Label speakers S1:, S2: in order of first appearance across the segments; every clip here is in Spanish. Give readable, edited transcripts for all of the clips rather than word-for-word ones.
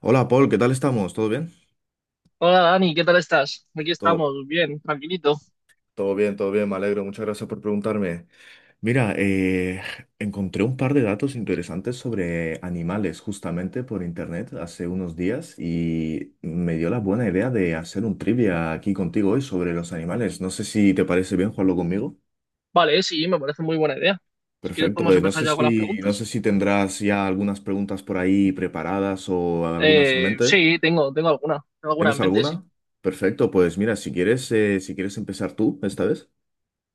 S1: Hola Paul, ¿qué tal estamos? ¿Todo bien?
S2: Hola Dani, ¿qué tal estás? Aquí
S1: Todo,
S2: estamos, bien, tranquilito.
S1: Todo bien, me alegro. Muchas gracias por preguntarme. Mira, encontré un par de datos interesantes sobre animales justamente por internet hace unos días y me dio la buena idea de hacer un trivia aquí contigo hoy sobre los animales. No sé si te parece bien jugarlo conmigo.
S2: Vale, sí, me parece muy buena idea. Si quieres
S1: Perfecto.
S2: podemos
S1: No
S2: empezar
S1: sé
S2: ya con las
S1: si, no sé
S2: preguntas.
S1: si tendrás ya algunas preguntas por ahí preparadas o algunas en mente.
S2: Sí, tengo alguna en
S1: ¿Tienes
S2: mente, sí.
S1: alguna? Perfecto. Pues mira, si quieres empezar tú esta vez,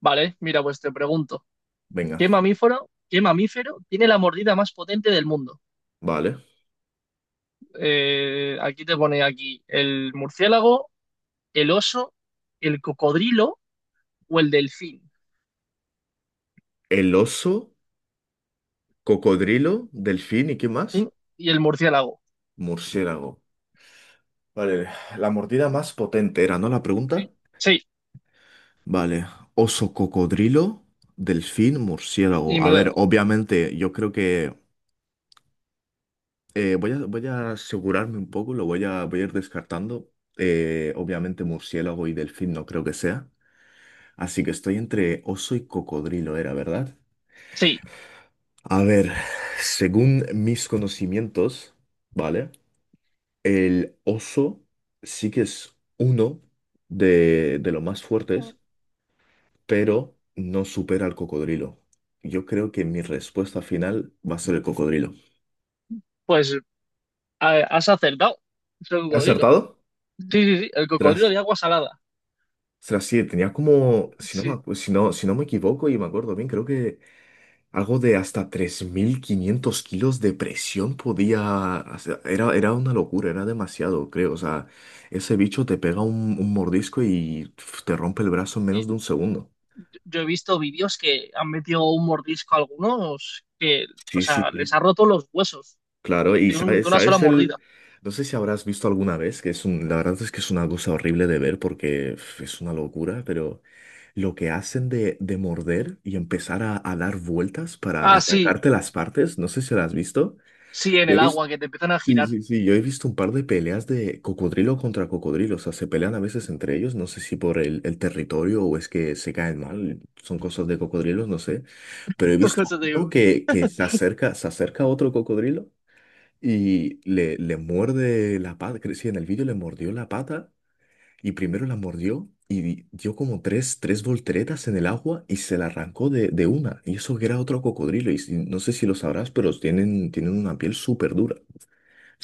S2: Vale, mira, pues te pregunto,
S1: venga.
S2: ¿qué mamífero tiene la mordida más potente del mundo?
S1: Vale.
S2: Aquí te pone aquí el murciélago, el oso, el cocodrilo o el delfín.
S1: El oso, cocodrilo, delfín y ¿qué
S2: ¿Sí?
S1: más?
S2: Y el murciélago.
S1: Murciélago. Vale, la mordida más potente era, ¿no? La pregunta.
S2: Sí, sí.
S1: Vale, oso, cocodrilo, delfín,
S2: y
S1: murciélago. A
S2: me
S1: ver,
S2: lo
S1: obviamente, yo creo que voy a asegurarme un poco, voy a ir descartando. Obviamente, murciélago y delfín no creo que sea. Así que estoy entre oso y cocodrilo, era, ¿verdad?
S2: Sí,
S1: A ver, según mis conocimientos, ¿vale? El oso sí que es uno de los más fuertes, pero no supera al cocodrilo. Yo creo que mi respuesta final va a ser el cocodrilo.
S2: pues has acertado. Es el
S1: ¿He
S2: cocodrilo.
S1: acertado?
S2: Sí, sí, sí, el cocodrilo
S1: Tras,
S2: de agua salada.
S1: tras sí, tenía como,
S2: Sí,
S1: si no me equivoco y me acuerdo bien, creo que algo de hasta 3500 kilos de presión podía hacer. Era una locura, era demasiado, creo. O sea, ese bicho te pega un mordisco y pf, te rompe el brazo en menos
S2: y
S1: de un segundo.
S2: yo he visto vídeos que han metido un mordisco a algunos que, o
S1: Sí, sí,
S2: sea, les
S1: sí,
S2: ha roto los huesos
S1: claro. Y
S2: de
S1: sabes,
S2: una sola
S1: sabes el,
S2: mordida.
S1: no sé si habrás visto alguna vez, que es un, la verdad es que es una cosa horrible de ver porque uf, es una locura, pero lo que hacen de morder y empezar a dar vueltas para
S2: Ah, sí,
S1: arrancarte las partes, no sé si lo has visto.
S2: sí, en
S1: Yo
S2: el
S1: he visto,
S2: agua, que te empiezan a
S1: sí,
S2: girar.
S1: sí, sí, yo he visto un par de peleas de cocodrilo contra cocodrilo, o sea, se pelean a veces entre ellos, no sé si por el territorio o es que se caen mal, son cosas de cocodrilos, no sé, pero he visto
S2: Cosas
S1: uno
S2: de-
S1: que se acerca, a otro cocodrilo. Y le muerde la pata, creo sí, en el vídeo le mordió la pata y primero la mordió y dio como tres volteretas en el agua y se la arrancó de una. Y eso que era otro cocodrilo y no sé si lo sabrás, pero tienen una piel súper dura.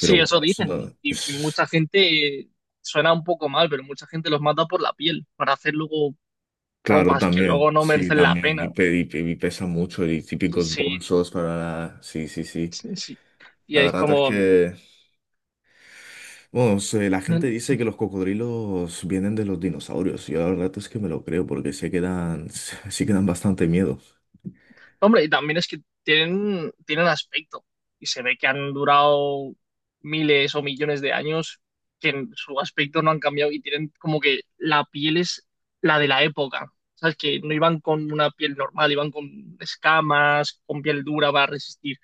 S1: Pero bueno,
S2: eso dicen. Y mucha gente, suena un poco mal, pero mucha gente los mata por la piel, para hacer luego
S1: claro,
S2: ropas que
S1: también,
S2: luego no
S1: sí,
S2: merecen la
S1: también,
S2: pena.
S1: y pesa mucho y típicos
S2: Sí,
S1: bolsos para... la- Sí, sí, sí.
S2: sí, sí. Y
S1: La
S2: es
S1: verdad es
S2: como,
S1: que... Bueno, la gente dice que los cocodrilos vienen de los dinosaurios. Yo la verdad es que me lo creo porque sí que dan, sí que dan bastante miedo.
S2: Hombre, y también es que tienen aspecto y se ve que han durado miles o millones de años, que en su aspecto no han cambiado, y tienen como que la piel es la de la época. ¿Sabes? Que no iban con una piel normal, iban con escamas, con piel dura para resistir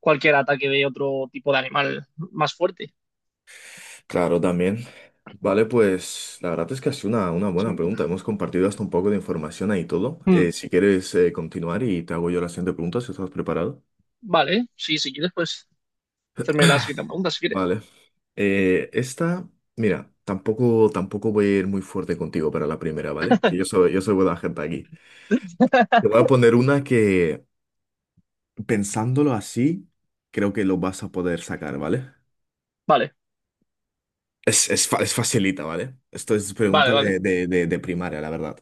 S2: cualquier ataque de otro tipo de animal más fuerte.
S1: Claro, también. Vale, pues la verdad es que ha sido una buena
S2: Sí.
S1: pregunta. Hemos compartido hasta un poco de información ahí todo.
S2: Mm,
S1: Si quieres continuar y te hago yo la siguiente pregunta, si estás preparado.
S2: Vale, sí, si quieres, pues hacerme la siguiente pregunta, si quieres.
S1: Vale. Eh, esta, Mira, tampoco voy a ir muy fuerte contigo para la primera, ¿vale? Que yo soy buena gente aquí. Te voy a poner una que pensándolo así, creo que lo vas a poder sacar, ¿vale?
S2: Vale,
S1: Es facilita, ¿vale? Esto es
S2: vale,
S1: pregunta
S2: vale.
S1: de primaria, la verdad.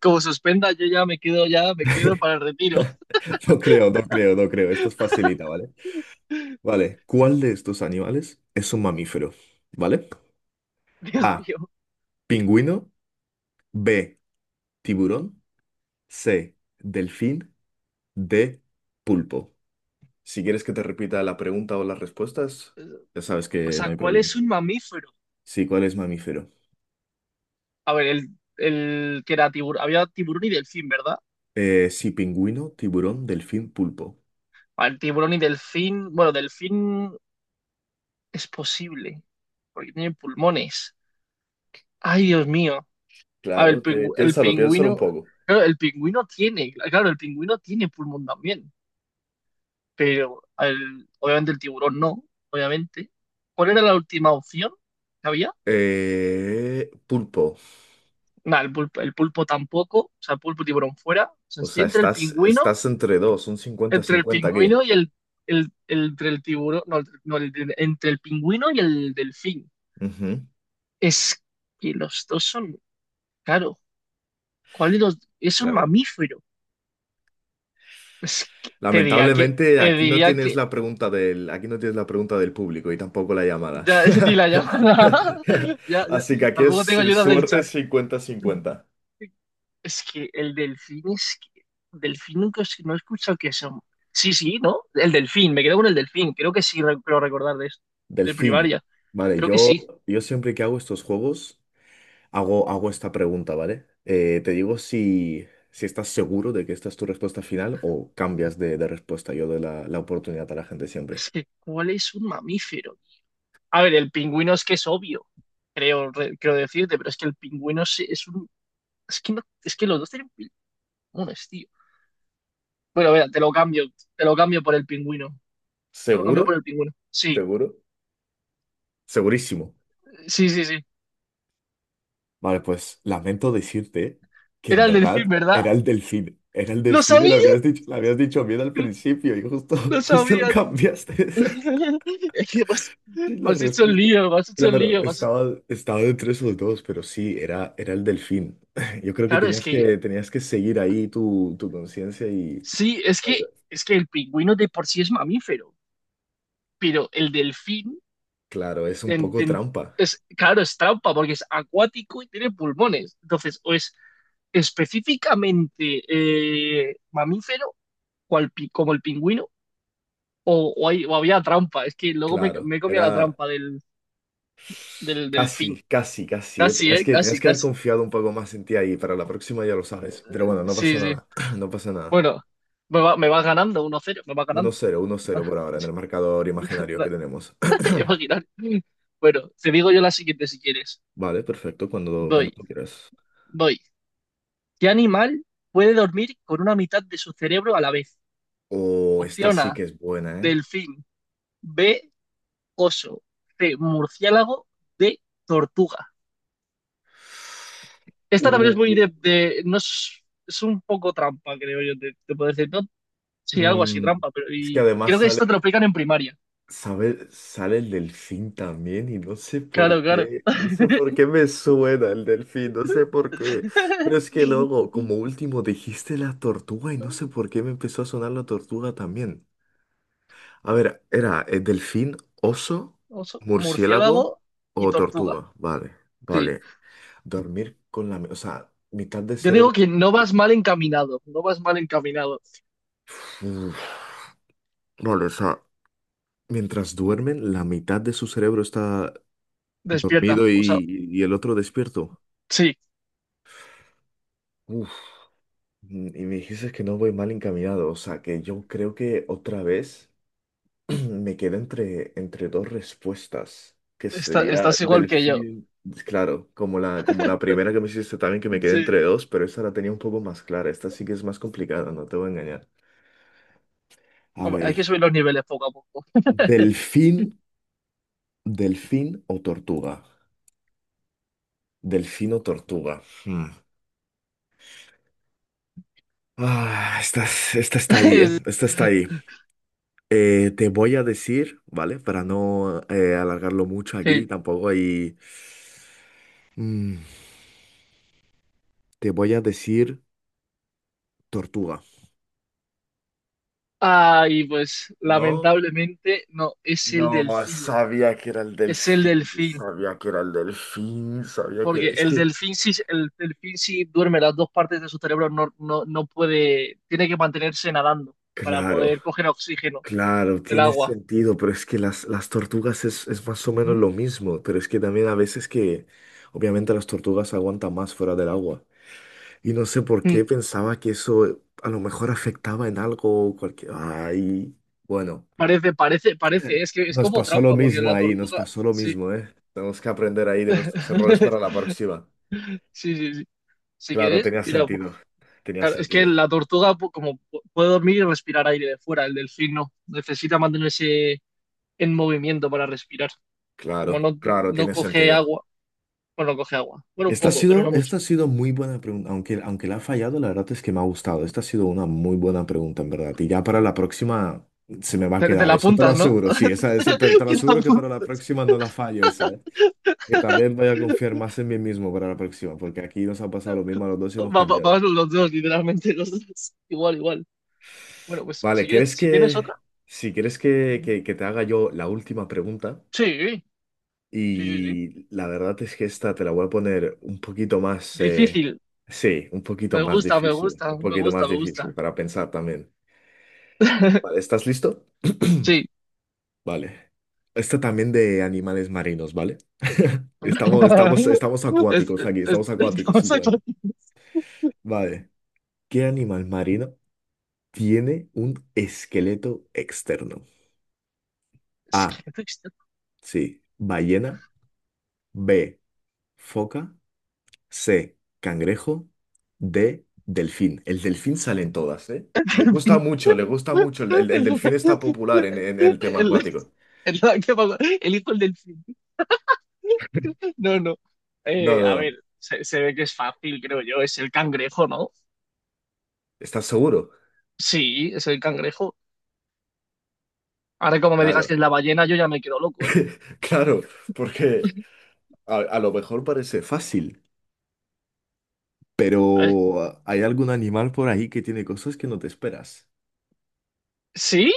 S2: Como suspenda, yo ya me quedo para el retiro.
S1: No creo, no creo, no creo. Esto es facilita, ¿vale? Vale, ¿cuál de estos animales es un mamífero? ¿Vale?
S2: Dios
S1: A,
S2: mío.
S1: pingüino, B, tiburón, C, delfín, D, pulpo. Si quieres que te repita la pregunta o las respuestas, ya sabes
S2: O
S1: que no
S2: sea,
S1: hay
S2: ¿cuál
S1: problema.
S2: es un mamífero?
S1: Sí, ¿cuál es mamífero?
S2: A ver, el que era tiburón. Había tiburón y delfín, ¿verdad?
S1: Sí, pingüino, tiburón, delfín, pulpo.
S2: Ah, el tiburón y delfín. Bueno, delfín es posible, porque tiene pulmones. Ay, Dios mío. A ver,
S1: Claro,
S2: el
S1: piénsalo, piénsalo un
S2: pingüino.
S1: poco.
S2: Claro, el pingüino tiene. Claro, el pingüino tiene pulmón también. Pero obviamente el tiburón no, obviamente. ¿Cuál era la última opción que había?
S1: Pulpo.
S2: Nada, el pulpo tampoco. O sea, pulpo y tiburón fuera. O sea,
S1: O
S2: estoy
S1: sea,
S2: entre el
S1: estás,
S2: pingüino.
S1: estás entre dos, un
S2: Entre el
S1: 50-50 aquí.
S2: pingüino y entre el tiburón, no, no, entre el pingüino y el delfín.
S1: Ujú,
S2: Es que los dos son, claro, ¿cuál de los? Es un
S1: claro.
S2: mamífero. Es que
S1: Lamentablemente
S2: te
S1: aquí no
S2: diría
S1: tienes
S2: que,
S1: la pregunta del, aquí no tienes la pregunta del público y tampoco la llamada.
S2: ya, ni la llamada, ya, ya,
S1: Así que aquí
S2: tampoco
S1: es
S2: tengo ayuda del
S1: suerte
S2: chat.
S1: 50-50.
S2: Es que el delfín es que, delfín nunca, no he escuchado que son. Sí, sí, ¿no? El delfín, me quedo con el delfín, creo que sí, creo recordar de esto, de
S1: Delfín.
S2: primaria,
S1: Vale,
S2: creo que
S1: yo,
S2: sí.
S1: yo siempre que hago estos juegos. Hago esta pregunta, ¿vale? Te digo si estás seguro de que esta es tu respuesta final o cambias de respuesta. Yo doy la oportunidad a la gente siempre.
S2: Es que, ¿cuál es un mamífero? A ver, el pingüino es que es obvio, creo, creo decirte, pero es que el pingüino es un... Es que, no, es que los dos tienen pulmones, tío. Bueno, mira, te lo cambio por el pingüino. Te lo cambio por
S1: ¿Seguro?
S2: el pingüino. Sí,
S1: ¿Seguro? Segurísimo.
S2: sí, sí, sí.
S1: Vale, pues lamento decirte que en
S2: Era el delfín,
S1: verdad
S2: ¿verdad?
S1: era el delfín. Era el
S2: Lo
S1: delfín y
S2: sabía,
S1: lo habías dicho bien al
S2: tío,
S1: principio y justo,
S2: lo
S1: justo lo
S2: sabía, tío.
S1: cambiaste.
S2: Es que
S1: Sí, la
S2: me has hecho el
S1: respuesta.
S2: lío, me has hecho el
S1: Claro,
S2: lío.
S1: estaba entre esos dos, pero sí, era el delfín. Yo creo que
S2: Claro, es
S1: tenías
S2: que
S1: que, tenías que seguir ahí tu conciencia y...
S2: sí, es que el pingüino de por sí es mamífero, pero el delfín
S1: Claro, es un
S2: en-
S1: poco
S2: en-
S1: trampa.
S2: es, claro, es trampa porque es acuático y tiene pulmones. Entonces, o es específicamente mamífero, como el pingüino, o había trampa. Es que luego me,
S1: Claro,
S2: me comía la
S1: era
S2: trampa del
S1: casi,
S2: delfín.
S1: casi, casi. Eh.
S2: Casi,
S1: Tenías
S2: ¿eh?
S1: que, tenías
S2: Casi,
S1: que haber
S2: casi.
S1: confiado un poco más en ti ahí. Para la próxima ya lo sabes. Pero bueno, no pasa
S2: Sí, sí.
S1: nada. No pasa nada.
S2: Bueno, me vas ganando 1-0, me va
S1: uno
S2: ganando.
S1: cero uno cero por ahora en el marcador imaginario que tenemos.
S2: Imaginar. Bueno, te digo yo la siguiente si quieres.
S1: Vale, perfecto, cuando
S2: Voy,
S1: tú quieras.
S2: voy. ¿Qué animal puede dormir con una mitad de su cerebro a la vez?
S1: Oh, esta
S2: Opción
S1: sí
S2: A,
S1: que es buena, ¿eh?
S2: delfín. B, oso. C, murciélago. D, tortuga. Esta también
S1: Uh,
S2: es muy de... no es, es un poco trampa, creo yo, te puedo decir. No, sí, algo así,
S1: mm,
S2: trampa, pero
S1: es que
S2: y,
S1: además
S2: creo que
S1: sale,
S2: esto te lo explican en primaria.
S1: sale el delfín también y no sé por
S2: Claro, claro.
S1: qué, no sé por qué me suena el delfín, no sé por qué. Pero es que luego, como último, dijiste la tortuga y no sé por qué me empezó a sonar la tortuga también. A ver, era delfín, oso,
S2: Oso,
S1: murciélago
S2: murciélago y
S1: o
S2: tortuga.
S1: tortuga. Vale,
S2: Sí.
S1: vale. Dormir con la... O sea, mitad de
S2: Yo digo
S1: cerebro.
S2: que no vas mal encaminado, no vas mal encaminado.
S1: Uf, vale, o sea, mientras duermen, la mitad de su cerebro está
S2: Despierta,
S1: dormido
S2: o sea,
S1: y el otro despierto.
S2: sí,
S1: Uf, mm, y me dijiste que no voy mal encaminado, o sea que yo creo que otra vez me quedo entre, entre dos respuestas, que sería
S2: estás igual que yo.
S1: delfín, claro, como como la primera que me hiciste también que me quedé
S2: Sí.
S1: entre dos, pero esa la tenía un poco más clara, esta sí que es más complicada, no te voy a engañar. A
S2: Hombre, hay
S1: ver,
S2: que subir los niveles poco a poco.
S1: delfín, delfín o tortuga. Delfín o tortuga. Hmm. Ah, esta está ahí, ¿eh? Esta está ahí. Te voy a decir, ¿vale? Para no alargarlo mucho aquí,
S2: Sí.
S1: tampoco hay... Mm, te voy a decir tortuga.
S2: Ay, pues
S1: No,
S2: lamentablemente no,
S1: no, sabía que era el
S2: es el
S1: delfín,
S2: delfín,
S1: sabía que era el delfín, sabía que era...
S2: porque
S1: Es que,
S2: el delfín sí duerme, las dos partes de su cerebro no, no, no puede, tiene que mantenerse nadando para
S1: claro,
S2: poder coger oxígeno
S1: claro,
S2: del
S1: tiene
S2: agua.
S1: sentido, pero es que las tortugas es más o menos lo mismo, pero es que también a veces que, obviamente las tortugas aguantan más fuera del agua. Y no sé por qué
S2: Mm,
S1: pensaba que eso a lo mejor afectaba en algo o cualquier... Ay, bueno,
S2: Parece, parece, es que es
S1: nos
S2: como
S1: pasó lo
S2: trampa, porque
S1: mismo
S2: la
S1: ahí, nos
S2: tortuga,
S1: pasó lo
S2: sí,
S1: mismo, ¿eh? Tenemos que aprender ahí de nuestros errores para la próxima.
S2: sí, sí, sí. Si
S1: Claro,
S2: quieres,
S1: tenía
S2: mira,
S1: sentido, tenía
S2: claro, es que
S1: sentido.
S2: la tortuga puede dormir y respirar aire de fuera, el delfín no, necesita mantenerse en movimiento para respirar. Como
S1: Claro,
S2: no,
S1: claro,
S2: no
S1: tiene
S2: coge
S1: sentido.
S2: agua, bueno, no coge agua, bueno, un
S1: Esta ha
S2: poco, pero
S1: sido,
S2: no mucho.
S1: esta ha sido muy buena pregunta, aunque la ha fallado, la verdad es que me ha gustado. Esta ha sido una muy buena pregunta, en verdad. Y ya para la próxima se me va a
S2: Te
S1: quedar,
S2: la
S1: eso te lo
S2: apuntas, ¿no?
S1: aseguro, sí, esa, eso te lo
S2: Que te
S1: aseguro que
S2: apuntas.
S1: para la próxima no la fallo esa, ¿eh? Que tal vez vaya a confiar más en mí mismo para la próxima, porque aquí nos ha pasado lo mismo a los dos y hemos cambiado.
S2: Vamos los dos, literalmente, los dos. Igual, igual. Bueno, pues
S1: Vale,
S2: si quieres, si tienes otra.
S1: si quieres que, te haga yo la última pregunta?
S2: Sí, sí, sí, sí.
S1: Y la verdad es que esta te la voy a poner un poquito más,
S2: Difícil.
S1: sí, un poquito
S2: Me
S1: más
S2: gusta, me
S1: difícil,
S2: gusta,
S1: un
S2: me
S1: poquito
S2: gusta,
S1: más
S2: me
S1: difícil
S2: gusta.
S1: para pensar también. Vale, ¿estás listo?
S2: Sí.
S1: Vale. Esta también de animales marinos, ¿vale? Estamos, estamos, estamos
S2: Es,
S1: acuáticos aquí, estamos acuáticos
S2: estamos
S1: últimamente.
S2: aquí.
S1: Vale. ¿Qué animal marino? Tiene un esqueleto externo.
S2: Es
S1: A.
S2: que no existe-
S1: Sí, ballena. B. Foca. C. Cangrejo. D. Delfín. El delfín sale en todas, ¿eh? Les gusta mucho, le gusta mucho. El delfín está popular en
S2: El,
S1: el tema
S2: el,
S1: acuático.
S2: el, el hijo del delfín. No, no.
S1: No, no,
S2: A ver,
S1: no.
S2: se ve que es fácil, creo yo. Es el cangrejo, ¿no?
S1: ¿Estás seguro?
S2: Sí, es el cangrejo. Ahora, como me digas
S1: Claro,
S2: que es la ballena, yo ya me quedo loco, ¿eh?
S1: claro, porque a lo mejor parece fácil,
S2: A ver,
S1: pero hay algún animal por ahí que tiene cosas que no te esperas.
S2: ¿sí?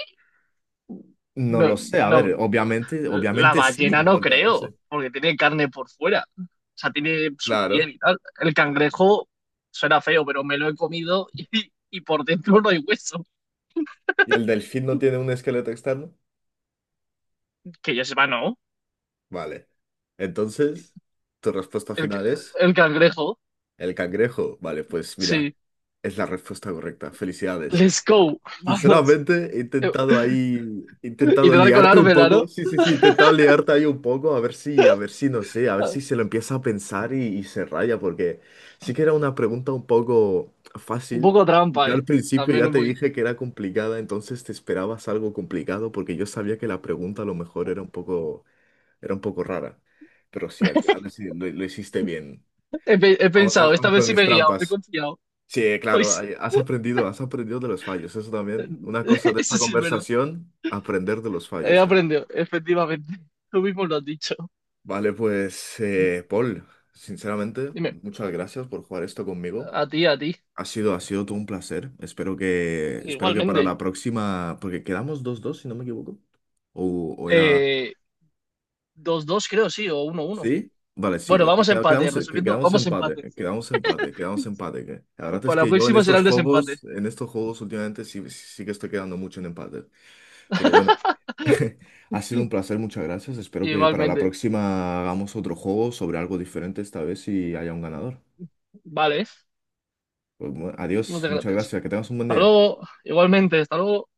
S1: No
S2: No,
S1: lo sé, a
S2: no.
S1: ver, obviamente,
S2: La
S1: obviamente
S2: ballena
S1: sí.
S2: no creo, porque tiene carne por fuera. O sea, tiene su
S1: Claro.
S2: piel y tal. El cangrejo suena feo, pero me lo he comido y por dentro no hay hueso.
S1: ¿Y el delfín no tiene un esqueleto externo?
S2: Que yo sepa, no.
S1: Vale. Entonces, tu respuesta
S2: El, ca-
S1: final es
S2: el cangrejo,
S1: el cangrejo. Vale, pues mira,
S2: sí.
S1: es la respuesta correcta. Felicidades.
S2: Let's go, vamos.
S1: Sinceramente,
S2: Eh,
S1: he
S2: y
S1: intentado
S2: tratar con
S1: liarte un
S2: colármela,
S1: poco. Sí, sí, sí, he intentado liarte ahí un poco, a ver si, no sé, a ver si
S2: ¿no?
S1: se lo empieza a pensar y se raya, porque sí que era una pregunta un poco
S2: Un
S1: fácil.
S2: poco
S1: Y
S2: trampa,
S1: yo al
S2: ¿eh?
S1: principio
S2: También
S1: ya
S2: un
S1: te
S2: poquito.
S1: dije que era complicada, entonces te esperabas algo complicado, porque yo sabía que la pregunta a lo mejor era un poco rara. Pero sí, al final lo hiciste bien,
S2: He
S1: aun aun-
S2: pensado, esta
S1: aun
S2: vez
S1: con
S2: sí
S1: mis
S2: me he guiado, me he
S1: trampas.
S2: confiado.
S1: Sí,
S2: Hoy
S1: claro,
S2: sí.
S1: has aprendido de los fallos, eso también. Una cosa de esta
S2: Eso sí es verdad.
S1: conversación, aprender de los
S2: He
S1: fallos, gente.
S2: aprendido, efectivamente. Tú mismo lo has dicho.
S1: Vale, pues, Paul, sinceramente,
S2: Dime,
S1: muchas gracias por jugar esto conmigo.
S2: a ti, a ti.
S1: Ha sido todo un placer. Espero que para
S2: Igualmente.
S1: la próxima, porque quedamos 2-2, si no me equivoco. O era
S2: Eh, dos 2 creo, sí, o 1-1.
S1: ¿sí? Vale, sí,
S2: Bueno,
S1: pues,
S2: vamos a empate,
S1: quedamos,
S2: resumiendo,
S1: quedamos
S2: vamos a
S1: empate,
S2: empate.
S1: quedamos empate, quedamos empate. La verdad es
S2: Para la
S1: que yo
S2: próxima será el desempate.
S1: en estos juegos últimamente sí, sí sí que estoy quedando mucho en empate. Pero bueno, ha sido un placer, muchas gracias. Espero que para la
S2: Igualmente.
S1: próxima hagamos otro juego sobre algo diferente esta vez y haya un ganador.
S2: Vale,
S1: Pues, bueno, adiós,
S2: muchas
S1: muchas
S2: gracias.
S1: gracias, que tengas un buen
S2: Hasta
S1: día.
S2: luego, igualmente, hasta luego.